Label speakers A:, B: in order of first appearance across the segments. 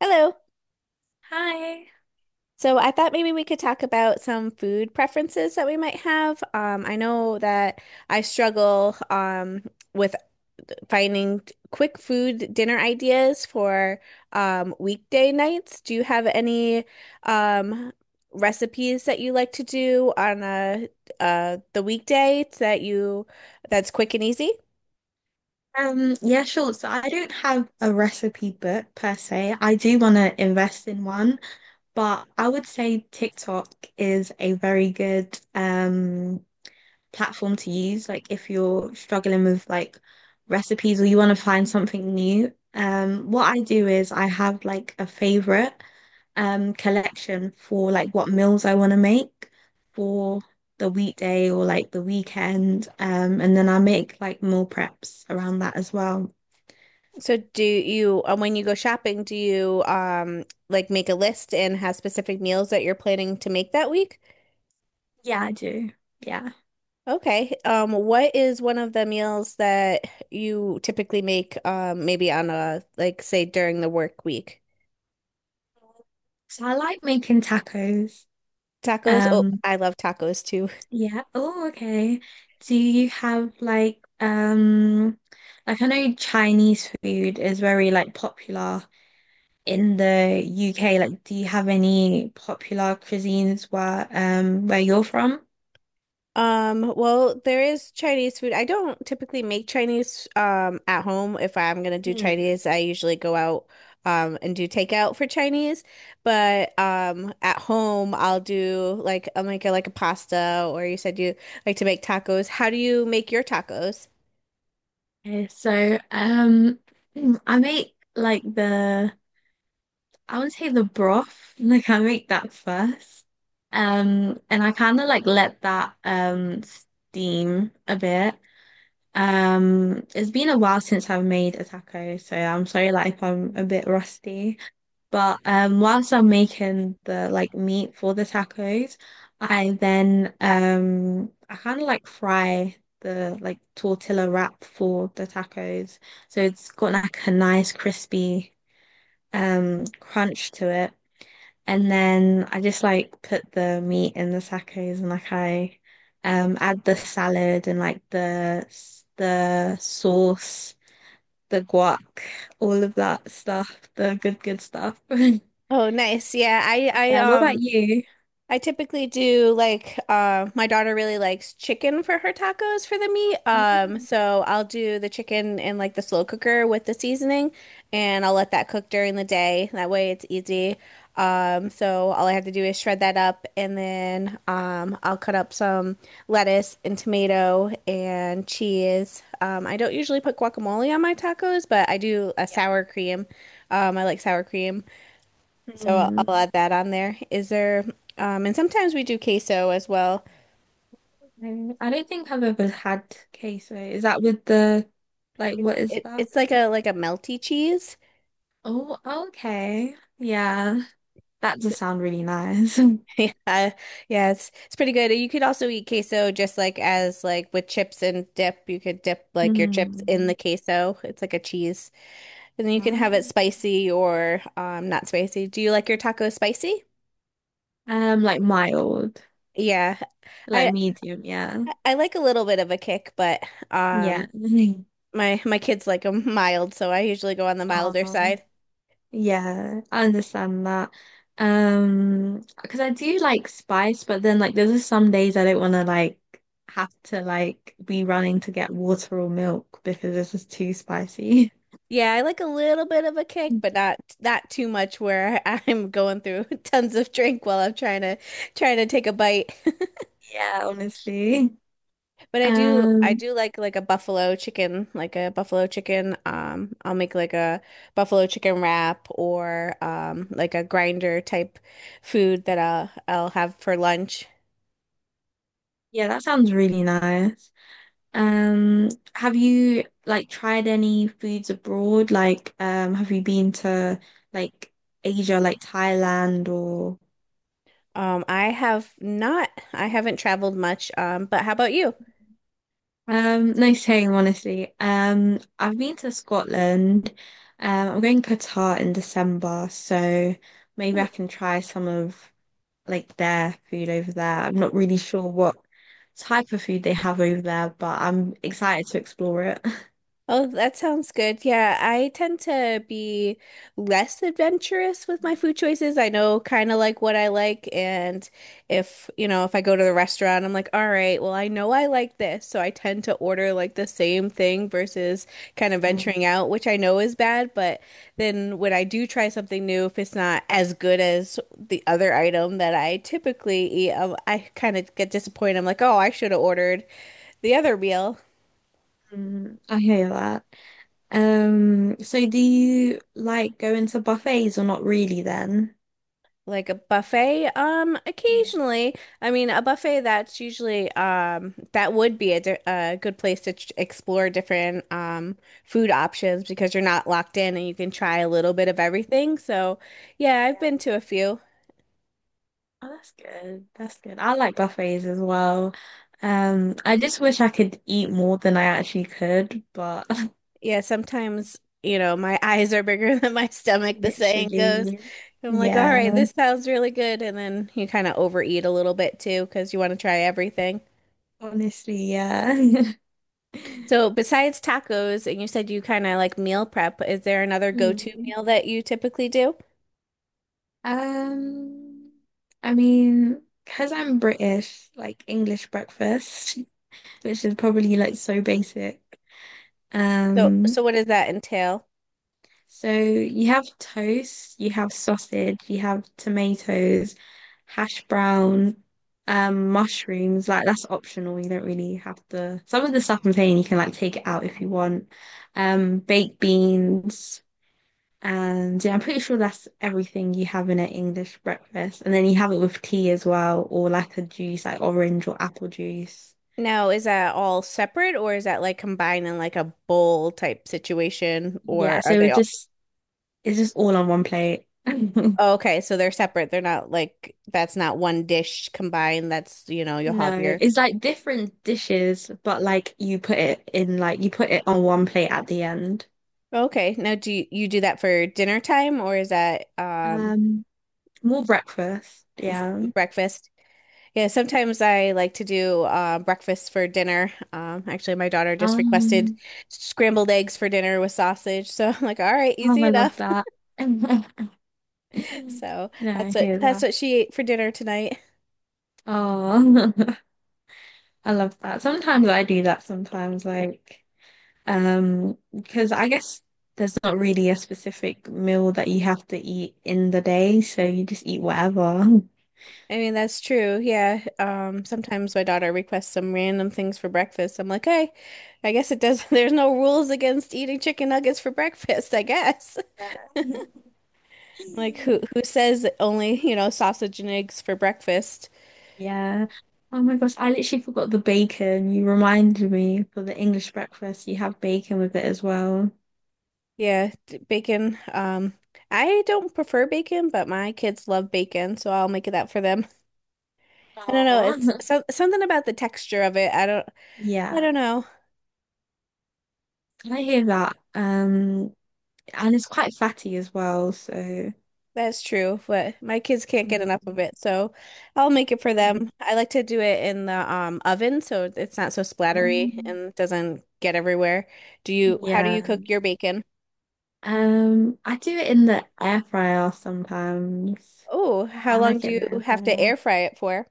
A: Hello.
B: Hi.
A: So I thought maybe we could talk about some food preferences that we might have. I know that I struggle with finding quick food dinner ideas for weekday nights. Do you have any um, recipes that you like to do on the weekday that's quick and easy?
B: Yeah, sure. So I don't have a recipe book per se. I do want to invest in one, but I would say TikTok is a very good platform to use. Like if like recipe, Like a favorite collect for for the weekday or like the weekend. And then I make like meal preps around that as well.
A: So do you, when you go shopping, do you like make a list and have specific meals that you're planning to make that week?
B: Yeah, I do. Yeah.
A: Okay. What is one of the meals that you typically make maybe on a, like, say during the work week?
B: So I like making tacos.
A: Tacos? Oh,
B: Um,
A: I love tacos too.
B: Yeah. Oh, okay. Do you have like I know Chinese food is very like popular in the UK. Like, do you have any popular cuisines where you're from?
A: Well, there is Chinese food. I don't typically make Chinese at home. If I'm gonna do
B: Hmm.
A: Chinese, I usually go out and do takeout for Chinese. But at home I'll do like I'll make like a pasta. Or you said you like to make tacos. How do you make your tacos?
B: Okay, so I make like the I would say the broth. Like I make that first. And I kind of like let that steam a bit. It's been a while since I've made a taco, so I'm sorry like if I'm a bit rusty. But whilst I'm making the like meat for the tacos, I then I kind of like fry the like tortilla wrap for the tacos. So it's got like a nice crispy crunch to it. And then I just like put the meat in the tacos and like I add the salad and like the sauce, the guac, all of that stuff, the good good stuff.
A: Oh, nice. Yeah, I I
B: Yeah, what about
A: um
B: you?
A: I typically do like, my daughter really likes chicken for her tacos for the meat.
B: Mm,
A: So I'll do the chicken in like the slow cooker with the seasoning, and I'll let that cook during the day. That way it's easy. So all I have to do is shred that up, and then I'll cut up some lettuce and tomato and cheese. I don't usually put guacamole on my tacos, but I do a
B: yeah.
A: sour cream. I like sour cream. So I'll
B: Hmm.
A: I'll add that on there. And sometimes we do queso as well.
B: Mm, I don't think I've ever had queso. Is that with the what is that?
A: It's like a, like a melty cheese.
B: Oh, okay. Yeah. That does sound really nice.
A: Yeah, yeah, it's pretty good. You could also eat queso just like, as like with chips and dip. You could dip like your chips in the
B: Mm,
A: queso. It's like a cheese, and then you can have it
B: nice.
A: spicy or not spicy. Do you like your taco spicy?
B: Like mild.
A: Yeah,
B: Like
A: I
B: medium, yeah.
A: I like a little bit of a kick, but
B: Yeah.
A: um my kids like them mild, so I usually go on the milder
B: Oh,
A: side.
B: yeah, I understand that. Because I do like spice, but then like there's just some days I don't want to like have to like be running to get water or milk because it's just too spicy.
A: Yeah, I like a little bit of a kick, but not, not too much where I'm going through tons of drink while I'm trying to, trying to take a bite.
B: Yeah, honestly.
A: But I do I
B: Um,
A: do like a buffalo chicken, like a buffalo chicken. I'll make like a buffalo chicken wrap or like a grinder type food that I'll have for lunch.
B: yeah, that sounds really nice. Um, have you like tried any foods abroad? Like, have you been to like Asia, like Thailand or
A: I haven't traveled much. But how about you?
B: no shame, honestly. I've been to Scotland. I'm going Qatar in December, so maybe I can try some of like their food over there. I'm not really sure what type of food they have over there, but I'm excited to explore it.
A: Oh, that sounds good. Yeah, I tend to be less adventurous with my food choices. I know kind of like what I like, and if, you know, if I go to the restaurant, I'm like, all right, well, I know I like this, so I tend to order like the same thing versus kind of
B: Mm.
A: venturing out, which I know is bad. But then when I do try something new, if it's not as good as the other item that I typically eat, I kind of get disappointed. I'm like, oh, I should have ordered the other meal.
B: Mm, I hear that. So do you like going to buffets or not really then?
A: Like a buffet,
B: Yeah.
A: occasionally. I mean, a buffet, that's usually, that would be a good place to ch explore different, food options, because you're not locked in and you can try a little bit of everything. So, yeah, I've been
B: Yeah.
A: to a few.
B: Oh, that's good. That's good. I like buffets as well. I just wish I could eat more than I actually could, but
A: Yeah, sometimes, you know, my eyes are bigger than my stomach, the saying goes.
B: literally,
A: I'm like, all right,
B: yeah.
A: this sounds really good. And then you kind of overeat a little bit too because you want to try everything.
B: Honestly, yeah.
A: So besides tacos, and you said you kind of like meal prep, is there another go-to
B: Mm.
A: meal that you typically do?
B: Um, I mean, because I'm British, like English breakfast, which is probably like so basic.
A: So
B: Um,
A: so what does that entail?
B: So you have toast, you have sausage, you have tomatoes, hash brown, mushrooms. Like that's optional. You don't really have to. Some of the stuff I'm saying you can like take it out if you want. Baked beans, and yeah, I'm pretty sure that's everything you have in an English breakfast. And then you have it with tea as well, or like a juice, like orange or apple juice.
A: Now, is that all separate, or is that like combined in like a bowl type situation,
B: Yeah,
A: or are
B: so
A: they
B: it
A: all…
B: just it's just all on one plate.
A: Oh, okay, so they're separate. They're not like, that's not one dish combined. That's, you know, you'll have
B: No,
A: your…
B: it's like different dishes, but like you put it in like you put it on one plate at the end.
A: Okay. Now, do you, you do that for dinner time, or is that
B: Um, More breakfast, yeah.
A: breakfast? Yeah, sometimes I like to do, breakfast for dinner. Actually, my daughter just requested
B: Um,
A: scrambled eggs for dinner with sausage. So I'm like, all right,
B: oh,
A: easy
B: I love
A: enough.
B: that.
A: So
B: No, I
A: that's what
B: hear
A: that's
B: that.
A: what she ate for dinner tonight.
B: Oh, I love that. Sometimes I do that sometimes, like, because I guess there's not really a specific meal that you have to eat in the day, so you just eat whatever.
A: I mean, that's true. Yeah. Sometimes my daughter requests some random things for breakfast. I'm like, hey, I guess it does. There's no rules against eating chicken nuggets for breakfast, I guess.
B: Yeah.
A: Like, who says only, you know, sausage and eggs for breakfast?
B: Yeah. Oh my gosh, I literally forgot the bacon. You reminded me for the English breakfast, you have bacon with it as well.
A: Yeah, bacon. I don't prefer bacon, but my kids love bacon, so I'll make it that for them. I don't know.
B: Oh.
A: It's so, something about the texture of it. I don't. I
B: Yeah.
A: don't know.
B: Can I
A: It's
B: hear that? And it's quite fatty as well, so
A: That's true, but my kids can't get enough of
B: Mm.
A: it, so I'll make it for them. I like to do it in the oven, so it's not so splattery
B: Um,
A: and doesn't get everywhere. Do you? How do you
B: yeah.
A: cook your bacon?
B: I do it in the air fryer sometimes.
A: Oh, how
B: I
A: long
B: like
A: do
B: it in the
A: you
B: air
A: have to
B: fryer.
A: air fry it for?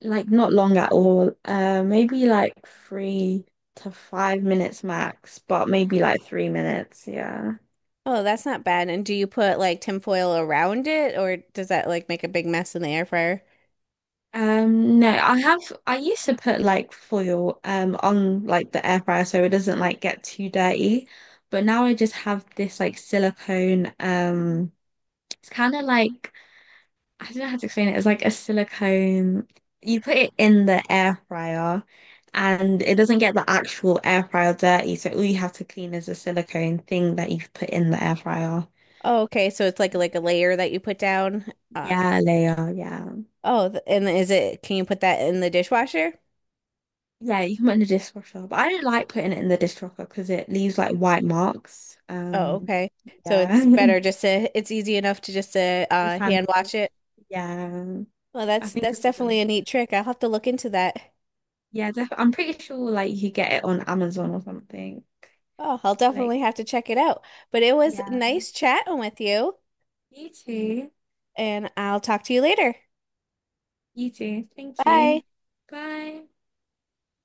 B: Like not long at all. Maybe like 3 to 5 minutes max, but maybe like 3 minutes. Yeah.
A: Oh, that's not bad. And do you put like tinfoil around it, or does that like make a big mess in the air fryer?
B: No, I have. I used to put like foil on like the air fryer so it doesn't like get too dirty, but now I just have this like silicone. It's kind of like I don't know how to explain it. It's like a silicone. You put it in the air fryer and it doesn't get the actual air fryer dirty. So all you have to clean is the silicone thing that you've put in the air fryer.
A: Oh, okay. So it's like a layer that you put down. Uh,
B: Yeah, layer. Yeah.
A: oh, and is it, can you put that in the dishwasher?
B: Yeah, you can put it in the dishwasher. But I don't like putting it in the dishwasher because it leaves like white marks.
A: Oh, okay. So it's
B: Yeah.
A: better just to, it's easy enough to just to,
B: It's hand
A: hand
B: wash.
A: wash it.
B: Yeah.
A: Well,
B: I
A: that's
B: think
A: that's
B: it's a
A: definitely
B: them.
A: a neat trick. I'll have to look into that.
B: Yeah, def I'm pretty sure like you get it on Amazon or something.
A: Oh, I'll
B: Like,
A: definitely have to check it out. But it was
B: yeah.
A: nice chatting with you,
B: You too.
A: and I'll talk to you later.
B: You too. Thank
A: Bye.
B: you. Bye.